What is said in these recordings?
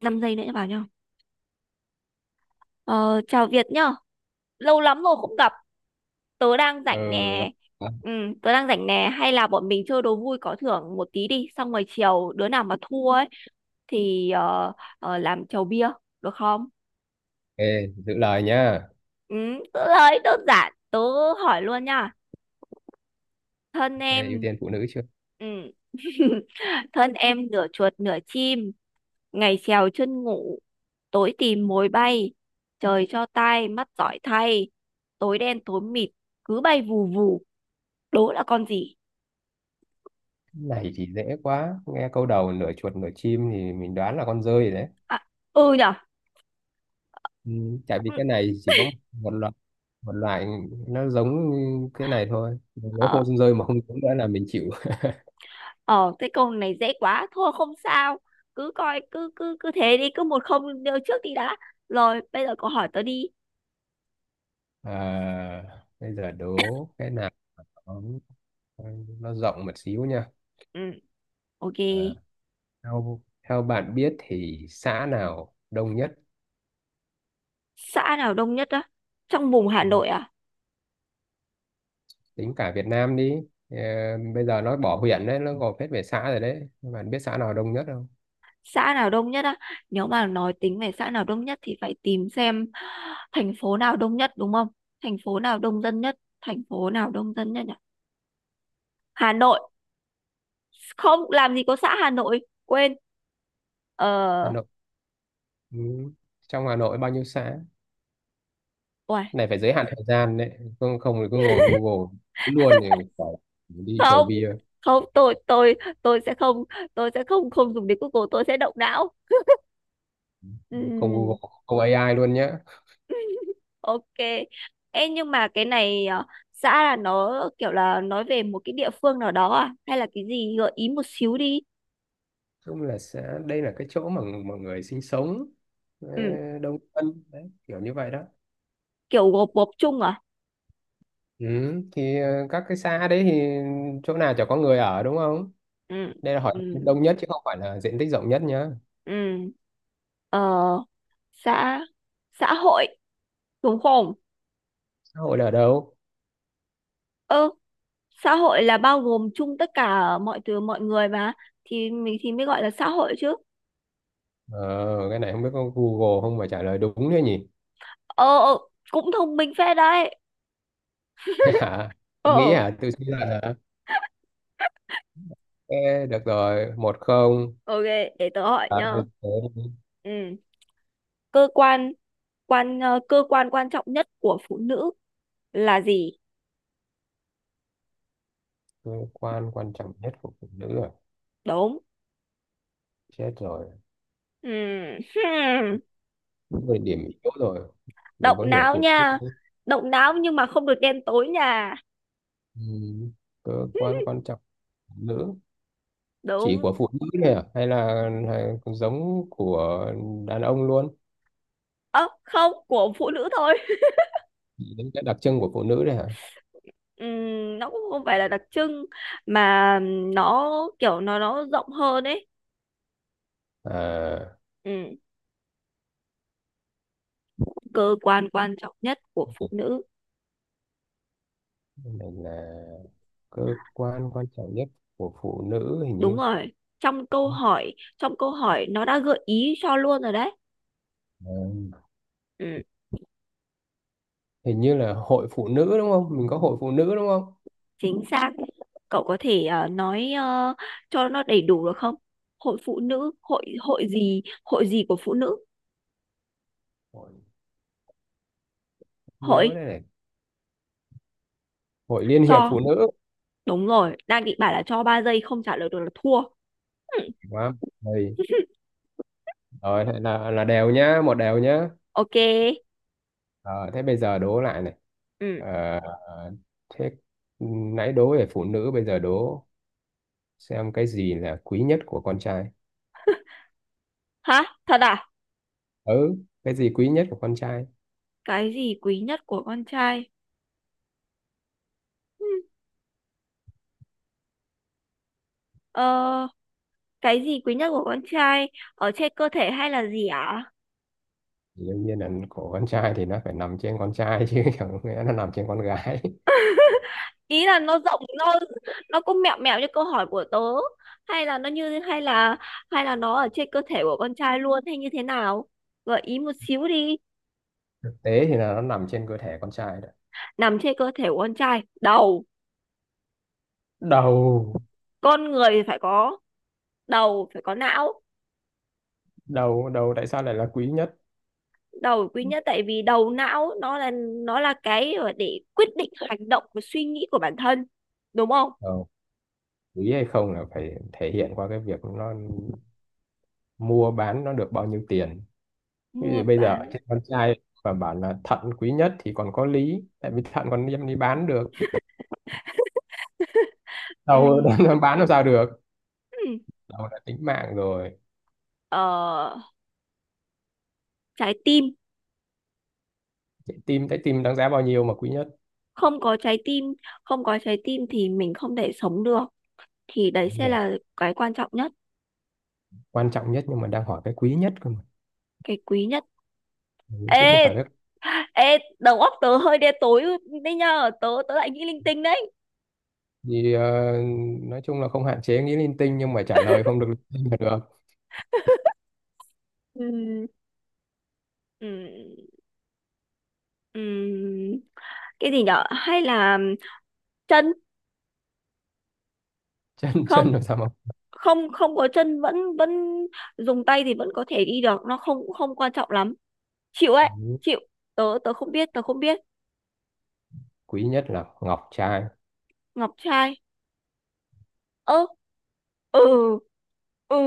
5 giây nữa vào nhau. Ờ, Chào Việt nhá. Lâu lắm rồi không gặp. Tớ đang Ừ, rảnh lo- nè. ok. Ừ, tớ đang rảnh nè. Hay là bọn mình chơi đố vui có thưởng một tí đi. Xong rồi chiều đứa nào mà thua ấy thì làm chầu bia. Được không? Giữ lời nhá. Ừ, tớ nói đơn giản. Tớ hỏi luôn nha. Thân Nghe ưu em. tiên phụ nữ chưa? Ừ. Thân em nửa chuột nửa chim, ngày trèo chân ngủ, tối tìm mồi bay, trời cho tai mắt giỏi thay, tối đen tối mịt cứ bay vù vù. Đố là con gì? Cái này thì dễ quá, nghe câu đầu nửa chuột nửa chim thì mình đoán là con dơi rồi đấy. À, ừ nhở. Ừ, tại vì Ừ, cái này chỉ có một loại, một loại nó giống cái này thôi, nếu ờ không con rơi mà không giống nữa là mình chịu. ờ cái câu này dễ quá thôi không sao. Cứ coi cứ cứ cứ thế đi, cứ một không đưa trước đi đã. Rồi bây giờ cậu hỏi tớ đi. à, Bây giờ đố cái nào nó nó rộng một xíu nha. Ừ, ok. à, theo theo bạn biết thì xã nào đông nhất? Xã nào đông nhất á? Trong vùng Hà Nội à? Tính cả Việt Nam đi. Ờ, Bây giờ nó bỏ huyện đấy, nó gộp hết về xã rồi đấy, nhưng mà biết xã nào đông nhất không? Xã nào đông nhất á? Nếu mà nói tính về xã nào đông nhất thì phải tìm xem thành phố nào đông nhất, đúng không? Thành phố nào đông dân nhất, thành phố nào đông dân nhất nhỉ? Hà Nội. Không làm gì có xã Hà Nội, quên. ờ Hà Nội. Ừ, trong Hà Nội bao nhiêu xã? Uầy, Này phải giới hạn thời gian đấy, không không thì cứ ngồi Google thấy luôn thì phải đi chầu không, bia. không. Tôi tôi sẽ không, tôi sẽ không không dùng đến Google, tôi sẽ động não. Không Google, Ừm, không AI luôn nhá. ok. Ê, nhưng mà cái này xã là nó kiểu là nói về một cái địa phương nào đó à, hay là cái gì? Gợi ý một xíu đi. Chung là xã đây là cái chỗ mà mọi người sinh sống, ờ, Ừ. đông dân đấy, kiểu như vậy đó. Kiểu gộp gộp chung à? Ừ, các cái xã đấy thì chỗ nào chả có người ở đúng không? Ừ. Đây là hỏi Ừ. đông nhất chứ không phải là diện tích rộng nhất nhá. Ừ. Ờ, xã, xã hội, đúng không? Xã hội là ở đâu? Ừ, xã hội là bao gồm chung tất cả mọi thứ mọi người mà, thì mình mới gọi là xã hội chứ. Ờ, cái này không biết có Google không mà trả lời đúng thế nhỉ? ờ ờ, Cũng thông minh phết đấy. Thế hả? Tôi nghĩ Ờ, hả? Tôi suy luận hả? Ê, được rồi, một không. ok, để tớ hỏi À, nhá. thế đi. Ừ, cơ quan, cơ quan quan trọng nhất của phụ nữ là gì? Cơ quan quan trọng nhất của phụ nữ rồi. Đúng. Chết rồi. Ừ. Hmm. Người điểm yếu rồi. Mình Động có hiểu não một chút nha, không? động não nhưng mà không được đen tối nha. Ừ. Cơ quan quan trọng của phụ nữ. Chỉ Đúng. của phụ nữ này à? Hay là, hay giống của đàn ông luôn? Ơ, không, của phụ nữ thôi. Chỉ những cái đặc trưng của phụ nữ này hả? Nó cũng không phải là đặc trưng mà nó kiểu nó rộng hơn ấy. À, Ừm, Cơ quan quan trọng nhất của phụ nữ. cái này là cơ quan quan trọng nhất của phụ nữ, hình Đúng như. rồi, Ừ, trong câu hỏi nó đã gợi ý cho luôn rồi đấy. Ừm. hình như là hội phụ nữ đúng không, mình có hội phụ nữ đúng không? Chính xác. Cậu có thể nói cho nó đầy đủ được không? Hội phụ nữ, hội hội gì của phụ nữ? Hội, Hội. nhớ đây này, hội liên hiệp Cho. phụ nữ. Đúng rồi, đang định bảo là cho 3 giây không trả lời được là thua. Đúng không? Rồi, Ừm, rồi thế là đều nhá, một đều nhá. ok. Ờ, thế bây giờ đố lại này. Ừ. Ờ, thế nãy đố về phụ nữ, bây giờ đố xem cái gì là quý nhất của con trai. Hả? Thật à? Ừ, cái gì quý nhất của con trai? Cái gì quý nhất của con trai? Ừm, Ờ, cái gì quý nhất của con trai ở trên cơ thể hay là gì ạ? Thì đương nhiên là của con trai thì nó phải nằm trên con trai chứ, chẳng nghĩa nó nằm trên con gái. Ý là nó rộng, nó cũng mẹo mẹo như câu hỏi của tớ, hay là nó như, hay là nó ở trên cơ thể của con trai luôn, hay như thế nào? Gợi ý một xíu đi. Thực tế thì là nó nằm trên cơ thể con trai đấy. Nằm trên cơ thể của con trai, đầu, Đầu. con người phải có đầu, phải có não. Đầu tại sao lại là quý nhất? Đầu quý nhất tại vì đầu não nó là, nó là cái để quyết định hành động và suy nghĩ của bản thân, đúng không? Ờ, quý hay không là phải thể hiện qua cái việc nó mua bán nó được bao nhiêu tiền. Ví Mua dụ bây giờ bán. trên con trai và bảo là thận quý nhất thì còn có lý, tại vì thận còn đem đi bán được, đâu Ừ. nó bán làm sao được. Ừ. Đâu là tính mạng rồi. Ờ, trái tim. Trái tim. Trái tim đáng giá bao nhiêu mà quý nhất? Không có trái tim, không có trái tim thì mình không thể sống được, thì đấy sẽ là cái quan trọng nhất. Quan trọng nhất nhưng mà đang hỏi cái quý nhất cơ mà. Cái quý nhất. Ừ, chứ không phải cái Ê, ê, đầu óc tớ hơi đen tối đấy, nhờ tớ tớ lại nghĩ linh tinh đấy. gì. Ờ, nói chung là không hạn chế nghĩ linh tinh, nhưng mà trả lời không được linh tinh là được. Ừ. Ừ. Ừ. Cái gì nhở, hay là chân? Chân Không, chân làm sao mà. không có chân vẫn vẫn dùng tay thì vẫn có thể đi được, nó không không quan trọng lắm. Chịu ấy. Ừ. Chịu. Tớ tớ không biết, tớ không biết. Quý nhất là ngọc trai. Ngọc trai. Ơ. Ừ.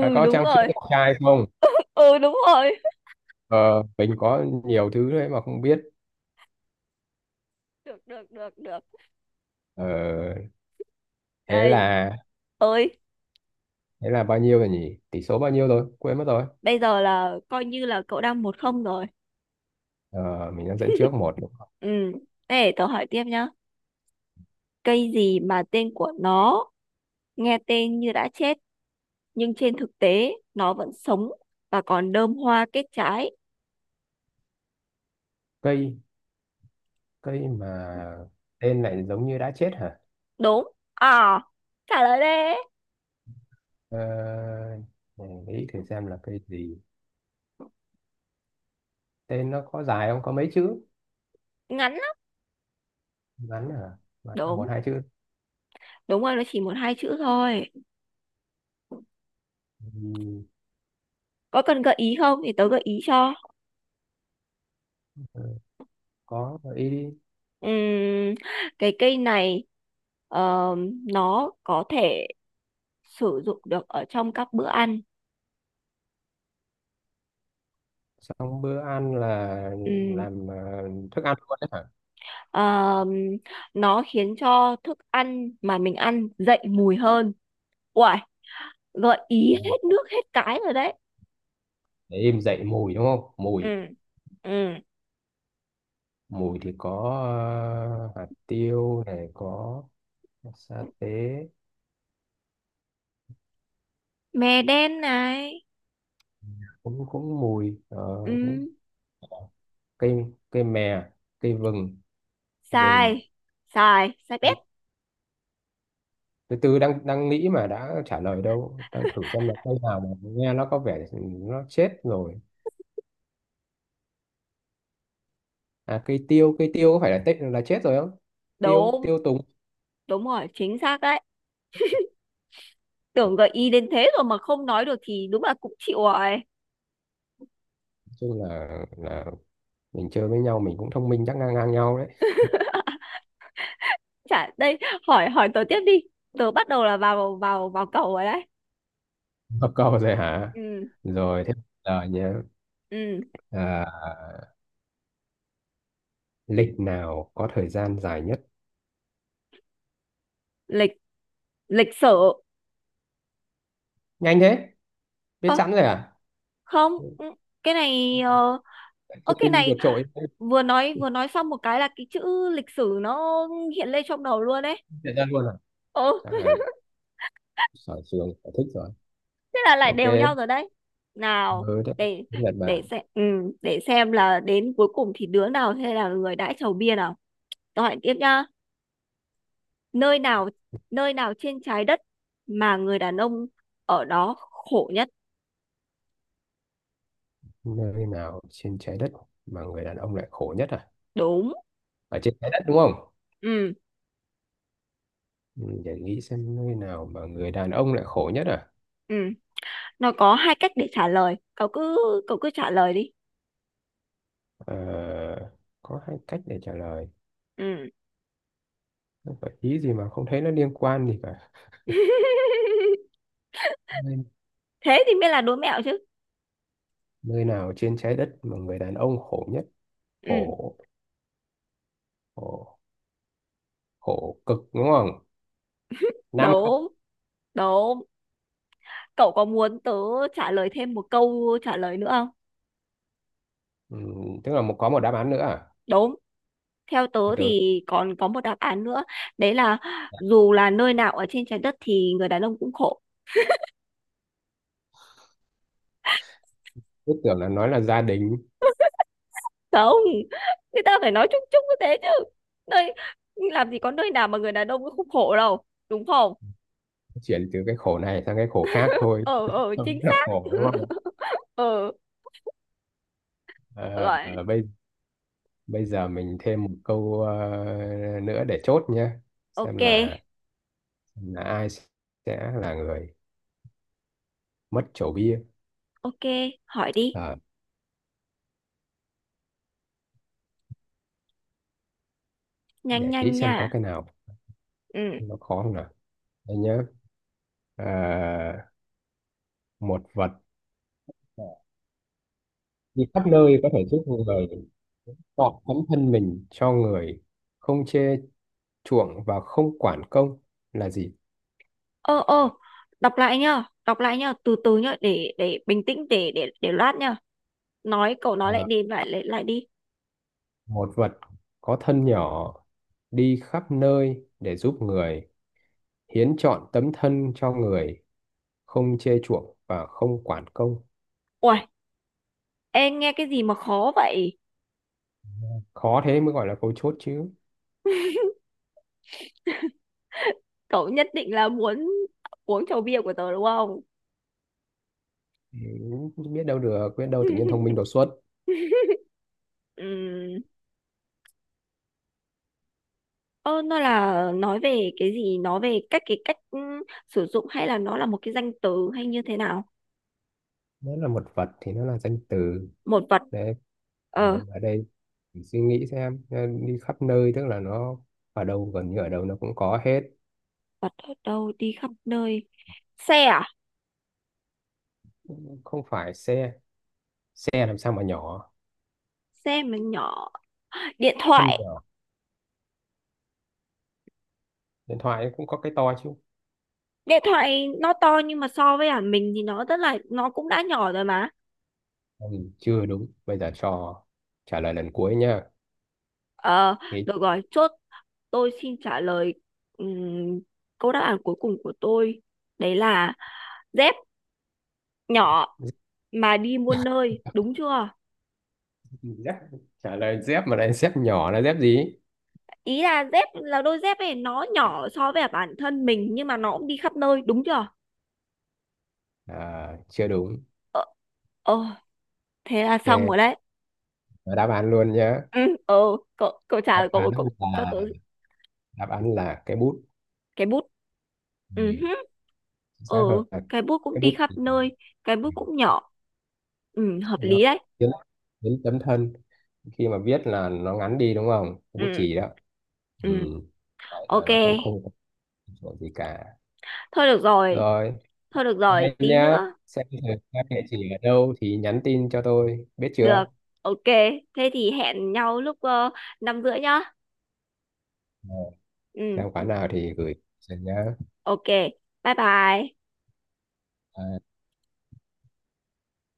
À, có Đúng trang sức rồi. ngọc trai không? Ừ, đúng rồi. Ờ, mình có nhiều thứ đấy mà không biết. Được được được được. ờ, Thế Đây. là, Ơi. thế là bao nhiêu rồi nhỉ, tỷ số bao nhiêu rồi quên mất rồi. Bây giờ là coi như là cậu đang 1-0 rồi. Ờ, mình đang dẫn trước một đúng không? Ừ, để tớ hỏi tiếp nhá. Cây gì mà tên của nó nghe tên như đã chết nhưng trên thực tế nó vẫn sống và còn đơm hoa kết trái? Cây Cây mà tên lại giống như đã chết hả? Đúng. À, trả lời đi. Ờ, để nghĩ thử xem là cây gì. Tên nó có dài không, có mấy chữ? Ngắn lắm. Ngắn hả? Ngắn là một Đúng, hai chữ. đúng rồi, nó chỉ một hai chữ thôi. Ừ, Có cần gợi ý không thì tớ gợi ý cho. có, gợi ý đi. Ừm, cái cây này ờ, nó có thể sử dụng được ở trong các bữa ăn. Xong bữa ăn là Ừm, làm thức ăn luôn đấy hả? ờm, nó khiến cho thức ăn mà mình ăn dậy mùi hơn. Uầy, gợi ý Ờ, hết nước hết cái rồi đấy. để em dậy mùi đúng không, Ừ. mùi. Ừ. Mùi thì có ờ, hạt tiêu này, có sa tế, Mè đen này. cũng cũng mùi. Ờ, Ừ. cây cây mè, cây vừng. Sai, Vừng. sai bét. Từ từ, đang đang nghĩ mà đã trả lời đâu, đang thử xem là cây nào mà nghe nó có vẻ nó chết rồi. À, cây tiêu, cây tiêu, có phải là tết là chết rồi không? Tiêu, Đúng, tiêu tùng. đúng rồi, chính xác đấy. Tưởng gợi ý đến thế rồi mà không nói được thì đúng là cũng chịu rồi. Nói chung là mình chơi với nhau mình cũng thông minh chắc ngang ngang nhau đấy. Chả đây, hỏi hỏi tớ tiếp đi, tớ bắt đầu là vào vào vào cầu rồi đấy. Có câu rồi hả? Ừ. Rồi thế giờ nhé. Ừ. À, lịch nào có thời gian dài nhất? Lịch, lịch sử. Nhanh thế, biết Ơ, sẵn rồi à? không, ừ, cái này ơ, Thông cái minh này vượt trội. vừa nói, xong một cái là cái chữ lịch sử nó hiện lên trong đầu luôn đấy. Thời gian luôn à? Chắc Ừ. là sở trường sở thích rồi. Thế là lại đều nhau Ok. rồi đấy. Nào. Ừ, thế để Nhật để Bản. xem. Ừ, để xem là đến cuối cùng thì đứa nào sẽ là người đãi chầu bia nào. Tôi hỏi tiếp nhá. Nơi nào, trên trái đất mà người đàn ông ở đó khổ nhất? Nơi nào trên trái đất mà người đàn ông lại khổ nhất à? Đúng. Ở trên trái đất đúng không? Ừ. Ừ, để nghĩ xem nơi nào mà người đàn ông lại khổ nhất à. Ừ. Nó có hai cách để trả lời. Cậu cứ trả lời đi. Ờ, có hai cách để trả lời. Ừ. Không phải ý gì mà không thấy nó liên quan gì cả. Nơi, Thế thì mới là đố mẹo chứ. nơi nào trên trái đất mà người đàn ông khổ nhất? Ừ, Khổ, khổ khổ cực đúng không, nam không? đúng, đúng. Cậu có muốn tớ trả lời thêm một câu trả lời nữa không? Ừ, tức là một có một đáp án nữa à? Đúng. Theo tớ Từ. thì còn có một đáp án nữa. Đấy là dù là nơi nào ở trên trái đất thì người đàn ông cũng khổ. Cứ tưởng là nói là gia đình. Không, người ta phải nói chung chung như thế chứ, nơi, làm gì có nơi nào mà người đàn ông cũng không khổ đâu, đúng không? Chuyển từ cái khổ này sang cái khổ khác thôi. Ờ Không Chính là xác. khổ đúng không? Ờ, À, rồi, à, bây bây giờ mình thêm một câu nữa để chốt nhé, xem ok. Là ai sẽ là người mất chỗ bia. Ok, hỏi đi. Ờ, Nhanh để nhanh nghĩ nha. xem có cái nào Ừ. nó khó không nào. Đây nhé. À, một vật đi khắp nơi có thể giúp người tọt tấm thân mình cho người, không chê chuộng và không quản công, là gì? ờ ờ Đọc lại nhá, từ từ nhá, để bình tĩnh để loát nhá. Cậu nói lại Ờ, đi, lại lại lại đi. một vật có thân nhỏ, đi khắp nơi để giúp người, hiến trọn tấm thân cho người, không chê chuộng và không quản công. Ui, em nghe cái gì mà khó vậy. Khó thế mới gọi là câu chốt chứ. Cậu nhất định là muốn uống chầu bia của tớ đúng không? Ừ, biết đâu được, biết đâu tự nhiên thông minh đột xuất. Ừ. Ơ, nó là nói về cái gì? Nói về cách, cái cách sử dụng, hay là nó là một cái danh từ, hay như thế nào? Nó là một vật thì nó là danh từ. Một vật. Đấy. Ờ, Đấy, ở đây mình suy nghĩ xem, đi khắp nơi tức là nó ở đâu, gần như ở đâu nó cũng có hết. vật ở đâu đi khắp nơi. Xe à? Không phải xe, xe làm sao mà nhỏ. Xe mà nhỏ. Điện Thân thoại. nhỏ, điện thoại cũng có cái to chứ. Điện thoại nó to nhưng mà so với mình thì nó rất là, nó cũng đã nhỏ rồi mà. Ừ, chưa đúng, bây giờ cho trả lời lần cuối nha. Ờ, Nghĩ. được rồi, chốt. Tôi xin trả lời ừm, câu đáp án cuối cùng của tôi. Đấy là dép nhỏ mà đi muôn nơi, đúng chưa? Dép. Trả lời dép mà lại dép nhỏ là dép gì? Ý là dép là đôi dép này nó nhỏ so với bản thân mình nhưng mà nó cũng đi khắp nơi, đúng chưa? À, chưa đúng. Ờ. Ờ, thế là xong rồi Ok. đấy. Và đáp án luôn nhá. Ừ, ờ, cậu cậu trả Đáp lời, án cậu cậu cho là, tớ. đáp án là cái bút. Cái bút. Ừ. Ừ, hứ, Chính ờ, xác hơn là cái bút cũng cái đi bút. khắp Ừ, nơi, cái bút cũng nhỏ. Ừ, hợp nó lý đấy. biến, tấm thân khi mà viết là nó ngắn đi đúng không, Ừ. bút chì đó. Ừ. Ừ. Đấy, rồi Ok, nó cũng không có chuyện gì cả. thôi được rồi, Rồi. Đây tí nhá, nữa. xem thử các địa chỉ ở đâu thì nhắn tin cho tôi biết Được. chưa. Ok. Thế thì hẹn nhau lúc 5 rưỡi nhá. Rồi, Ừ, xem quán nào thì gửi cho nhá. ok, bye bye. Ờ,